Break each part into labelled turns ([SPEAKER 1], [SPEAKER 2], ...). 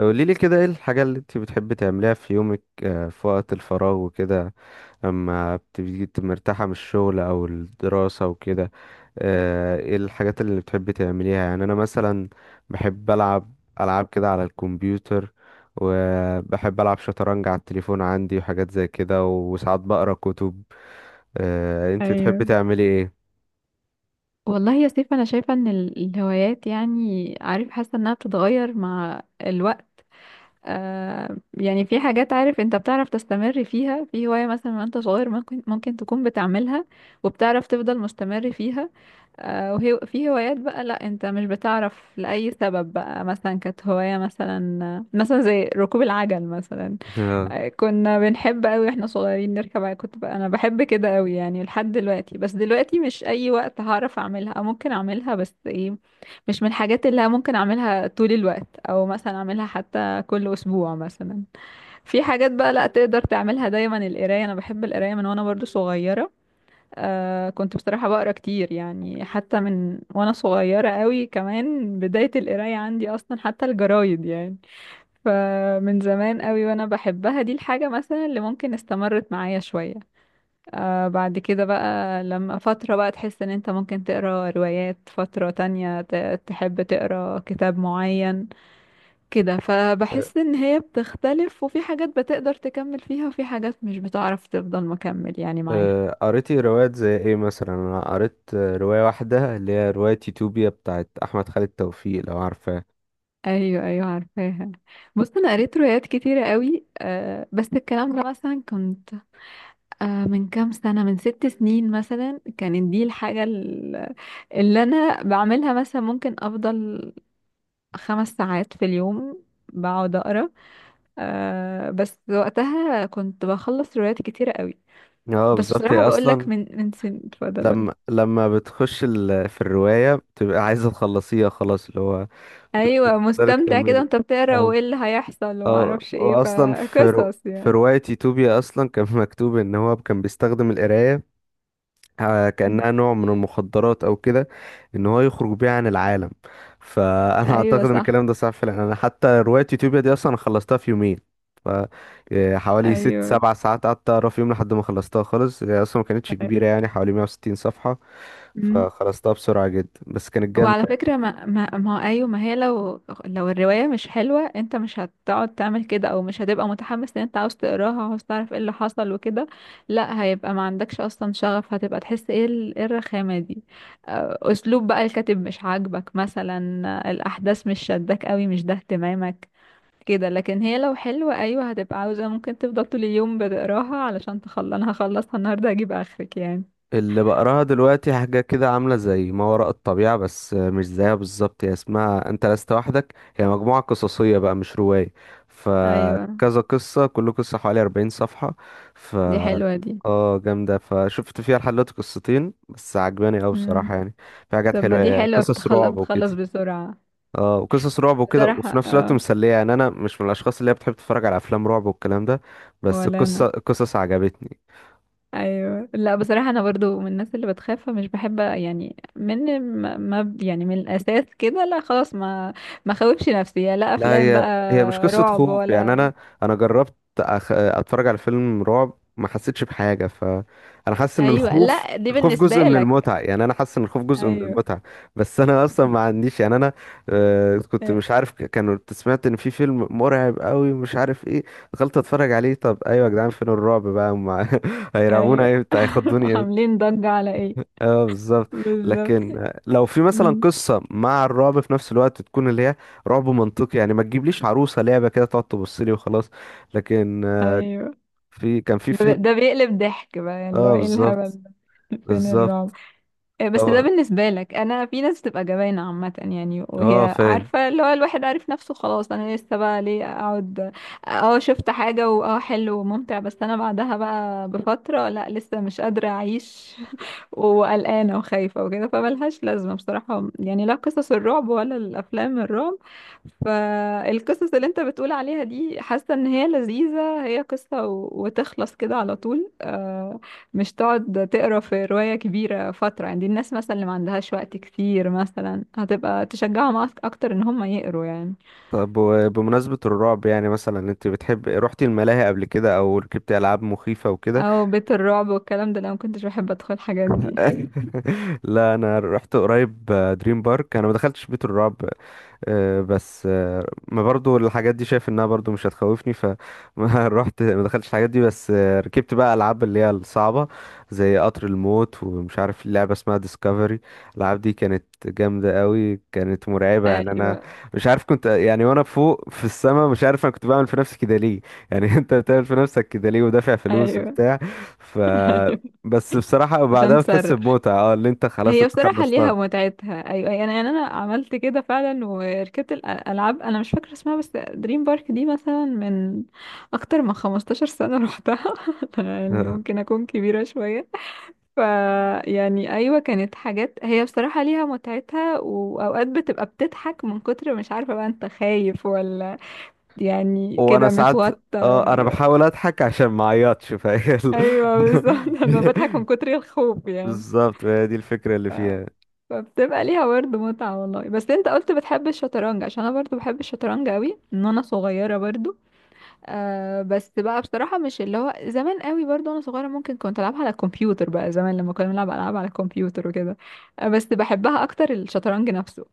[SPEAKER 1] قولي لي كده، ايه الحاجة اللي انت بتحبي تعمليها في يومك، في وقت الفراغ وكده اما بتبقي مرتاحة من الشغل او الدراسة وكده؟ ايه الحاجات اللي بتحبي تعمليها؟ يعني انا مثلا بحب العب العاب كده على الكمبيوتر، وبحب العب شطرنج على التليفون عندي وحاجات زي كده، وساعات بقرا كتب. انت بتحبي
[SPEAKER 2] ايوه،
[SPEAKER 1] تعملي ايه؟
[SPEAKER 2] والله يا سيف انا شايفه ان الهوايات، يعني عارف، حاسه انها بتتغير مع الوقت. آه يعني في حاجات، عارف انت بتعرف تستمر فيها في هوايه مثلا، وانت صغير ممكن تكون بتعملها وبتعرف تفضل مستمر فيها. آه وهي في هوايات بقى لا، انت مش بتعرف لاي سبب بقى، مثلا كانت هوايه مثلا زي ركوب العجل مثلا. كنا بنحب قوي واحنا صغيرين نركب عجل. كنت بقى انا بحب كده قوي يعني لحد دلوقتي، بس دلوقتي مش اي وقت هعرف اعملها او ممكن اعملها، بس ايه، مش من الحاجات اللي ممكن اعملها طول الوقت، او مثلا اعملها حتى كل اسبوع مثلا. في حاجات بقى لا تقدر تعملها دايما، القرايه انا بحب القرايه من وانا برضو صغيره. آه كنت بصراحه بقرا كتير يعني، حتى من وانا صغيره قوي، كمان بدايه القرايه عندي اصلا حتى الجرايد يعني. فمن زمان قوي وانا بحبها، دي الحاجة مثلا اللي ممكن استمرت معايا شوية. آه بعد كده بقى لما فترة بقى تحس ان انت ممكن تقرا روايات، فترة تانية تحب تقرا كتاب معين كده.
[SPEAKER 1] آه.
[SPEAKER 2] فبحس ان هي بتختلف، وفي حاجات بتقدر تكمل فيها، وفي حاجات مش بتعرف تفضل مكمل يعني معاها.
[SPEAKER 1] قريتي روايات زي ايه مثلا؟ انا قريت رواية واحدة اللي هي رواية يوتوبيا بتاعت احمد خالد توفيق، لو عارفاه.
[SPEAKER 2] ايوه ايوه عارفاها. بص انا قريت روايات كتيرة قوي، آه بس الكلام ده مثلا كنت، آه، من كام سنة، من ست سنين مثلا، كانت دي الحاجة اللي أنا بعملها، مثلا ممكن أفضل خمس ساعات في اليوم بقعد أقرأ. آه، بس وقتها كنت بخلص روايات كتيرة قوي.
[SPEAKER 1] اه
[SPEAKER 2] بس
[SPEAKER 1] بالظبط، هي
[SPEAKER 2] بصراحة بقولك،
[SPEAKER 1] اصلا
[SPEAKER 2] من سن اتفضل قولي.
[SPEAKER 1] لما بتخش في الرواية بتبقى عايزة تخلصيها خلاص، اللي هو
[SPEAKER 2] أيوة
[SPEAKER 1] تقدري
[SPEAKER 2] مستمتع كده
[SPEAKER 1] تكملي.
[SPEAKER 2] وانت بتقرا،
[SPEAKER 1] اه.
[SPEAKER 2] وايه اللي هيحصل
[SPEAKER 1] اه
[SPEAKER 2] ومعرفش ايه،
[SPEAKER 1] واصلا
[SPEAKER 2] فقصص
[SPEAKER 1] في
[SPEAKER 2] يعني.
[SPEAKER 1] رواية يوتوبيا اصلا كان مكتوب ان هو كان بيستخدم القراية كأنها نوع من المخدرات أو كده، إن هو يخرج بيها عن العالم. فأنا أعتقد
[SPEAKER 2] أيوة
[SPEAKER 1] إن
[SPEAKER 2] صح.
[SPEAKER 1] الكلام ده صح فعلا. أنا حتى رواية يوتيوبيا دي أصلا أنا خلصتها في يومين. ف حوالي ست
[SPEAKER 2] أيوة
[SPEAKER 1] سبع ساعات قعدت أقرا في يوم لحد ما خلصتها خالص. هي أصلا ما كانتش كبيرة، يعني حوالي 160 صفحة،
[SPEAKER 2] أيوة.
[SPEAKER 1] فخلصتها بسرعة جدا، بس كانت
[SPEAKER 2] وعلى
[SPEAKER 1] جامدة.
[SPEAKER 2] فكرة، ما هو أيوة، ما هي، لو الرواية مش حلوة انت مش هتقعد تعمل كده، او مش هتبقى متحمس ان انت عاوز تقراها وعاوز تعرف ايه اللي حصل وكده. لا هيبقى ما عندكش اصلا شغف، هتبقى تحس ايه إيه الرخامة دي. آه، اسلوب بقى الكاتب مش عاجبك مثلا، آه، الاحداث مش شداك قوي، مش ده اهتمامك كده. لكن هي لو حلوة ايوه، هتبقى عاوزة ممكن تفضل طول اليوم بتقراها علشان تخلص، انا هخلصها النهاردة هجيب اخرك يعني.
[SPEAKER 1] اللي بقراها دلوقتي حاجة كده عاملة زي ما وراء الطبيعة بس مش زيها بالظبط. هي اسمها أنت لست وحدك، هي مجموعة قصصية بقى مش رواية.
[SPEAKER 2] ايوه،
[SPEAKER 1] فكذا قصة، كل قصة حوالي 40 صفحة. ف
[SPEAKER 2] دي حلوة دي.
[SPEAKER 1] اه جامدة، فشفت فيها لحد دلوقتي قصتين بس، عجباني أوي بصراحة يعني، في حاجات
[SPEAKER 2] طب ما
[SPEAKER 1] حلوة،
[SPEAKER 2] دي
[SPEAKER 1] هي
[SPEAKER 2] حلوة،
[SPEAKER 1] قصص
[SPEAKER 2] بتخلص
[SPEAKER 1] رعب
[SPEAKER 2] بتخلص
[SPEAKER 1] وكده.
[SPEAKER 2] بسرعة.
[SPEAKER 1] اه، وقصص رعب وكده
[SPEAKER 2] بصراحة
[SPEAKER 1] وفي نفس الوقت
[SPEAKER 2] اه.
[SPEAKER 1] مسلية. يعني أنا مش من الأشخاص اللي هي بتحب تتفرج على أفلام رعب والكلام ده. بس
[SPEAKER 2] ولا انا.
[SPEAKER 1] القصص عجبتني.
[SPEAKER 2] ايوه، لا بصراحة انا برضو من الناس اللي بتخاف فمش بحب يعني، من ما ما- يعني من الاساس كده لا خلاص، ما خوفش نفسي، يا لا
[SPEAKER 1] لا،
[SPEAKER 2] افلام
[SPEAKER 1] هي
[SPEAKER 2] بقى.
[SPEAKER 1] هي مش قصة
[SPEAKER 2] رعب
[SPEAKER 1] خوف. يعني
[SPEAKER 2] ولا.
[SPEAKER 1] أنا جربت أتفرج على فيلم رعب، ما حسيتش بحاجة. فأنا حاسس إن
[SPEAKER 2] ايوه
[SPEAKER 1] الخوف
[SPEAKER 2] لا دي
[SPEAKER 1] الخوف
[SPEAKER 2] بالنسبة
[SPEAKER 1] جزء من
[SPEAKER 2] لك.
[SPEAKER 1] المتعة، يعني أنا حاسس إن الخوف جزء من
[SPEAKER 2] ايوه
[SPEAKER 1] المتعة. بس أنا أصلا ما عنديش، يعني أنا كنت مش عارف كانوا كنت سمعت إن في فيلم مرعب قوي مش عارف إيه. دخلت أتفرج عليه، طب أيوة يا جدعان، فين الرعب بقى هم؟
[SPEAKER 2] ايوه
[SPEAKER 1] هيرعبونا إمتى؟ هيخضوني إمتى؟
[SPEAKER 2] عاملين ضجة على ايه.
[SPEAKER 1] اه بالظبط.
[SPEAKER 2] بالظبط.
[SPEAKER 1] لكن لو في مثلا
[SPEAKER 2] أمم،
[SPEAKER 1] قصه مع الرعب في نفس الوقت، تكون اللي هي رعب منطقي. يعني ما تجيبليش عروسه لعبه كده تقعد تبص لي وخلاص. لكن
[SPEAKER 2] ايوه
[SPEAKER 1] كان في فيلم.
[SPEAKER 2] ده بيقلب ضحك بقى يعني، اللي
[SPEAKER 1] اه
[SPEAKER 2] هو ايه الهبل
[SPEAKER 1] بالظبط.
[SPEAKER 2] ده. فين الرعب.
[SPEAKER 1] بالظبط.
[SPEAKER 2] آه، بس ده
[SPEAKER 1] طبعا،
[SPEAKER 2] بالنسبة لك، أنا في ناس بتبقى جبانة عامة يعني،
[SPEAKER 1] اه
[SPEAKER 2] وهي
[SPEAKER 1] فاهم.
[SPEAKER 2] عارفة، اللي هو الواحد عارف نفسه خلاص، أنا لسه بقى ليه أقعد. اه شفت حاجة واه حلو وممتع، بس أنا بعدها بقى بفترة لا، لسه مش قادرة أعيش، وقلقانة وخايفة وكده، فملهاش لازمة بصراحة يعني، لا قصص الرعب ولا الأفلام الرعب. فالقصص اللي انت بتقول عليها دي، حاسة ان هي لذيذة، هي قصة وتخلص كده على طول. آه، مش تقعد تقرا في رواية كبيرة فترة يعني، دي الناس مثلا اللي ما عندهاش وقت كتير مثلا، هتبقى تشجعهم اكتر ان هم يقروا يعني.
[SPEAKER 1] طب وبمناسبة الرعب، يعني مثلا انت بتحب، رحتي الملاهي قبل كده او ركبتي العاب مخيفة وكده؟
[SPEAKER 2] او بيت الرعب والكلام ده، لو ما كنتش بحب ادخل الحاجات دي.
[SPEAKER 1] لا انا رحت قريب دريم بارك، انا ما دخلتش بيت الرعب. بس ما برضو الحاجات دي شايف انها برضو مش هتخوفني، فما رحت ما دخلتش الحاجات دي، بس ركبت بقى العاب اللي هي الصعبه، زي قطر الموت ومش عارف لعبه اسمها ديسكفري. الالعاب دي كانت جامده قوي، كانت مرعبه يعني. انا
[SPEAKER 2] ايوه
[SPEAKER 1] مش عارف كنت، يعني وانا فوق في السما مش عارف انا كنت بعمل في نفسي كده ليه، يعني. انت بتعمل في نفسك كده ليه ودافع فلوس
[SPEAKER 2] ايوه
[SPEAKER 1] وبتاع؟ ف
[SPEAKER 2] ايوه.
[SPEAKER 1] بس بصراحه
[SPEAKER 2] عشان
[SPEAKER 1] بعدها بتحس بمتعه، اه اللي انت خلاص
[SPEAKER 2] هي
[SPEAKER 1] انت
[SPEAKER 2] بصراحة ليها
[SPEAKER 1] خلصتها.
[SPEAKER 2] متعتها. أيوة يعني، أنا أنا عملت كده فعلا وركبت الألعاب، أنا مش فاكرة اسمها، بس دريم بارك دي مثلا من أكتر من 15 سنة روحتها. يعني ممكن أكون كبيرة شوية. ف، يعني أيوة كانت حاجات هي بصراحة ليها متعتها، وأوقات بتبقى بتضحك من كتر مش عارفة بقى أنت خايف ولا، يعني
[SPEAKER 1] وانا
[SPEAKER 2] كده
[SPEAKER 1] ساعات اه، انا
[SPEAKER 2] متوتر.
[SPEAKER 1] بحاول اضحك عشان ما اعيطش، فهي
[SPEAKER 2] أيوة بالظبط أنا بضحك من كتر الخوف يعني.
[SPEAKER 1] بالظبط، هي دي الفكره اللي فيها.
[SPEAKER 2] فبتبقى ليها برضه متعة والله. بس انت قلت بتحب الشطرنج، عشان انا برضه بحب الشطرنج قوي من وانا صغيرة برضه. آه بس بقى بصراحة مش اللي هو زمان قوي، برضه وانا صغيرة ممكن كنت العبها على الكمبيوتر بقى، زمان لما كنا بنلعب العاب على الكمبيوتر وكده. آه بس بحبها اكتر الشطرنج نفسه.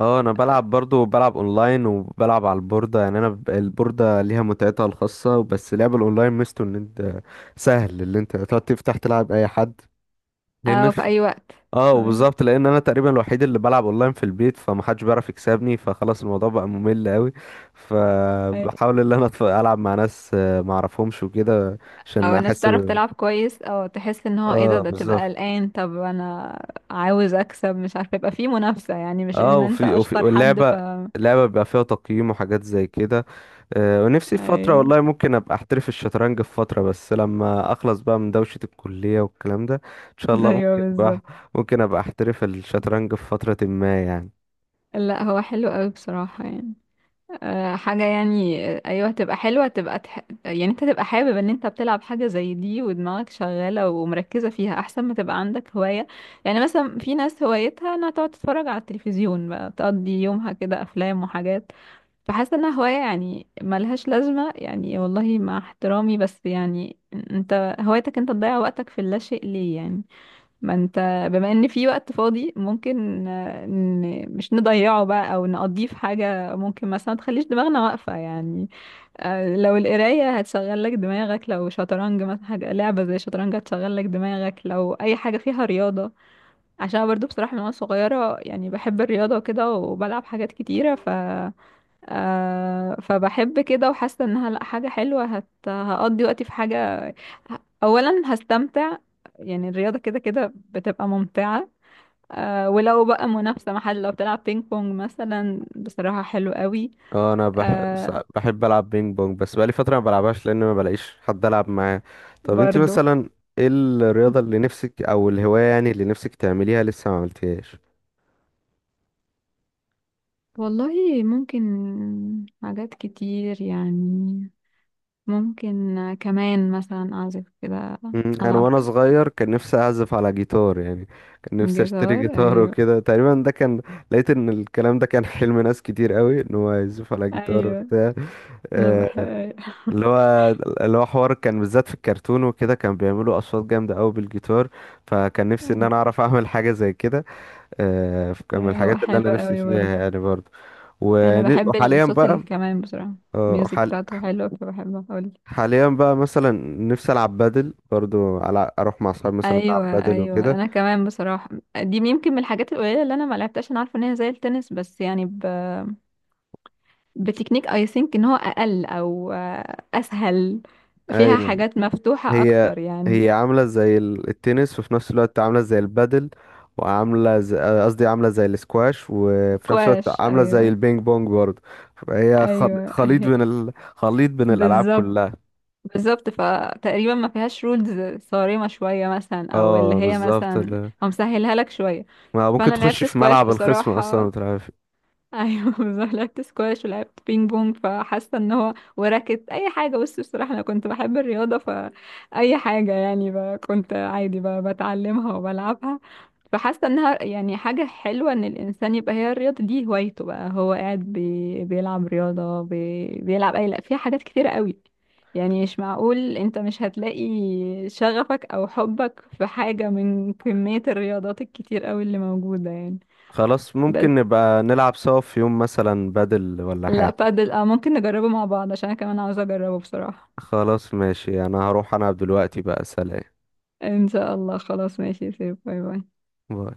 [SPEAKER 1] اه انا بلعب برضو، بلعب اونلاين وبلعب على البورده. يعني انا البورده ليها متعتها الخاصه، بس لعب الاونلاين ميزته ان انت سهل اللي انت تقعد تفتح تلعب اي حد، لان
[SPEAKER 2] اه في
[SPEAKER 1] في
[SPEAKER 2] اي وقت.
[SPEAKER 1] اه
[SPEAKER 2] أيوة.
[SPEAKER 1] وبالظبط، لان انا تقريبا الوحيد اللي بلعب اونلاين في البيت فمحدش بيعرف يكسبني، فخلاص الموضوع بقى ممل قوي.
[SPEAKER 2] أي-
[SPEAKER 1] فبحاول ان انا العب مع ناس ما اعرفهمش وكده، عشان
[SPEAKER 2] او الناس
[SPEAKER 1] احس.
[SPEAKER 2] تعرف تلعب كويس، او تحس ان هو ايه ده
[SPEAKER 1] اه
[SPEAKER 2] ده
[SPEAKER 1] بالظبط.
[SPEAKER 2] تبقى قلقان، طب انا عاوز اكسب مش عارفه، يبقى في منافسه يعني، مش
[SPEAKER 1] اه
[SPEAKER 2] ان انت
[SPEAKER 1] وفي وفي
[SPEAKER 2] اشطر حد، ف.
[SPEAKER 1] واللعبة، اللعبة بيبقى فيها تقييم وحاجات زي كده. ونفسي في فترة
[SPEAKER 2] ايوه
[SPEAKER 1] والله ممكن ابقى احترف الشطرنج في فترة، بس لما اخلص بقى من دوشة الكلية والكلام ده، ان شاء الله
[SPEAKER 2] ايوه
[SPEAKER 1] ممكن بقى،
[SPEAKER 2] بالظبط.
[SPEAKER 1] ممكن ابقى احترف الشطرنج في فترة ما يعني.
[SPEAKER 2] لا هو حلو قوي بصراحة يعني. أه حاجة يعني، آه، ايوه هتبقى حلوة، هتبقى يعني انت تبقى حابب ان انت بتلعب حاجة زي دي، ودماغك شغالة ومركزة فيها، احسن ما تبقى عندك هواية يعني، مثلا في ناس هوايتها انها تقعد تتفرج على التلفزيون بقى، تقضي يومها كده افلام وحاجات. فحاسة انها هواية يعني ملهاش لازمة يعني، والله مع احترامي بس يعني، انت هوايتك انت تضيع وقتك في اللاشيء ليه يعني، ما انت بما ان في وقت فاضي، ممكن آه، مش نضيعه بقى، او نقضيه في حاجة ممكن مثلا تخليش دماغنا واقفة يعني. آه، لو القراية هتشغل لك دماغك، لو شطرنج مثلا، حاجة لعبة زي شطرنج هتشغل لك دماغك، لو اي حاجة فيها رياضة، عشان أنا برضو بصراحة من وانا صغيرة يعني بحب الرياضة وكده، وبلعب حاجات كتيرة. آه فبحب كده، وحاسه انها لا حاجه حلوه، هقضي وقتي في حاجه، اولا هستمتع، يعني الرياضه كده كده بتبقى ممتعه. آه ولو بقى منافسه محل، لو بتلعب بينج بونج مثلا بصراحه حلو قوي.
[SPEAKER 1] اه انا
[SPEAKER 2] آه
[SPEAKER 1] بحب العب بينج بونج، بس بقالي فترة ما بلعبهاش لان ما بلاقيش حد العب معاه. طب انت
[SPEAKER 2] برضو.
[SPEAKER 1] مثلا، ايه الرياضة اللي نفسك، او الهواية يعني اللي نفسك تعمليها لسه ما عملتيهاش؟
[SPEAKER 2] والله ممكن، حاجات كتير يعني، ممكن كمان مثلا أعزف كده،
[SPEAKER 1] انا
[SPEAKER 2] ألعب
[SPEAKER 1] وانا صغير كان نفسي اعزف على جيتار يعني. كان نفسي اشتري
[SPEAKER 2] جيتار.
[SPEAKER 1] جيتار
[SPEAKER 2] أيوة
[SPEAKER 1] وكده، تقريبا ده كان، لقيت ان الكلام ده كان حلم ناس كتير قوي ان هو يعزف على جيتار
[SPEAKER 2] أيوة.
[SPEAKER 1] وبتاع.
[SPEAKER 2] أنا
[SPEAKER 1] آه،
[SPEAKER 2] بحب.
[SPEAKER 1] اللي هو اللي هو حوار، كان بالذات في الكرتون وكده كان بيعملوا اصوات جامده قوي بالجيتار. فكان نفسي ان انا
[SPEAKER 2] أيوة.
[SPEAKER 1] اعرف اعمل حاجه زي كده. كان من
[SPEAKER 2] هو
[SPEAKER 1] الحاجات اللي انا
[SPEAKER 2] حلو
[SPEAKER 1] نفسي
[SPEAKER 2] قوي
[SPEAKER 1] فيها
[SPEAKER 2] برضه.
[SPEAKER 1] يعني برضه.
[SPEAKER 2] انا بحب
[SPEAKER 1] وحاليا
[SPEAKER 2] الصوت
[SPEAKER 1] بقى،
[SPEAKER 2] الكمان بصراحه،
[SPEAKER 1] آه،
[SPEAKER 2] الميوزك
[SPEAKER 1] حال-
[SPEAKER 2] بتاعته حلوه فبحب اقول.
[SPEAKER 1] حاليا بقى مثلا نفسي العب بادل برضو، على اروح مع اصحابي مثلا العب
[SPEAKER 2] ايوه
[SPEAKER 1] بادل
[SPEAKER 2] ايوه
[SPEAKER 1] وكده.
[SPEAKER 2] انا كمان بصراحه، دي يمكن من الحاجات القليله اللي انا ما لعبتهاش، انا عارفه ان هي زي التنس، بس يعني بتكنيك اي ثينك ان هو اقل، او آه، اسهل، فيها
[SPEAKER 1] ايوه،
[SPEAKER 2] حاجات مفتوحه
[SPEAKER 1] هي
[SPEAKER 2] اكتر يعني.
[SPEAKER 1] هي عامله زي التنس وفي نفس الوقت عامله زي البادل، وعامله زي قصدي عامله زي الاسكواش وفي نفس الوقت
[SPEAKER 2] سكواش
[SPEAKER 1] عامله زي
[SPEAKER 2] ايوه.
[SPEAKER 1] البينج بونج برضه. فهي
[SPEAKER 2] ايوه
[SPEAKER 1] خليط بين الالعاب
[SPEAKER 2] بالظبط.
[SPEAKER 1] كلها.
[SPEAKER 2] بالظبط فتقريبا ما فيهاش رولز صارمه شويه مثلا، او اللي
[SPEAKER 1] اه
[SPEAKER 2] هي
[SPEAKER 1] بالظبط،
[SPEAKER 2] مثلا هو مسهلها لك شويه.
[SPEAKER 1] ما ممكن
[SPEAKER 2] فانا
[SPEAKER 1] تخش
[SPEAKER 2] لعبت
[SPEAKER 1] في
[SPEAKER 2] سكواش
[SPEAKER 1] ملعب الخصم اصلا ما
[SPEAKER 2] بصراحه.
[SPEAKER 1] بتعرف.
[SPEAKER 2] ايوه بالظبط، لعبت سكواش ولعبت بينج بونج، فحاسه ان هو وراكت اي حاجه، بس بصراحه انا كنت بحب الرياضه فاي حاجه يعني، كنت عادي بتعلمها وبلعبها. فحاسه انها يعني حاجه حلوه ان الانسان يبقى هي الرياضه دي هوايته بقى، هو قاعد بيلعب رياضه، بيلعب اي لا فيها حاجات كتيره قوي يعني، مش معقول انت مش هتلاقي شغفك او حبك في حاجه من كميه الرياضات الكتير قوي اللي موجوده يعني.
[SPEAKER 1] خلاص
[SPEAKER 2] بس
[SPEAKER 1] ممكن نبقى نلعب سوا في يوم مثلا بادل ولا
[SPEAKER 2] لا،
[SPEAKER 1] حاجه.
[SPEAKER 2] بادل اه ممكن نجربه مع بعض عشان انا كمان عاوزة اجربه بصراحة.
[SPEAKER 1] خلاص ماشي، انا هروح انا دلوقتي بقى. سلام.
[SPEAKER 2] ان شاء الله خلاص ماشي، سيب باي باي.
[SPEAKER 1] باي.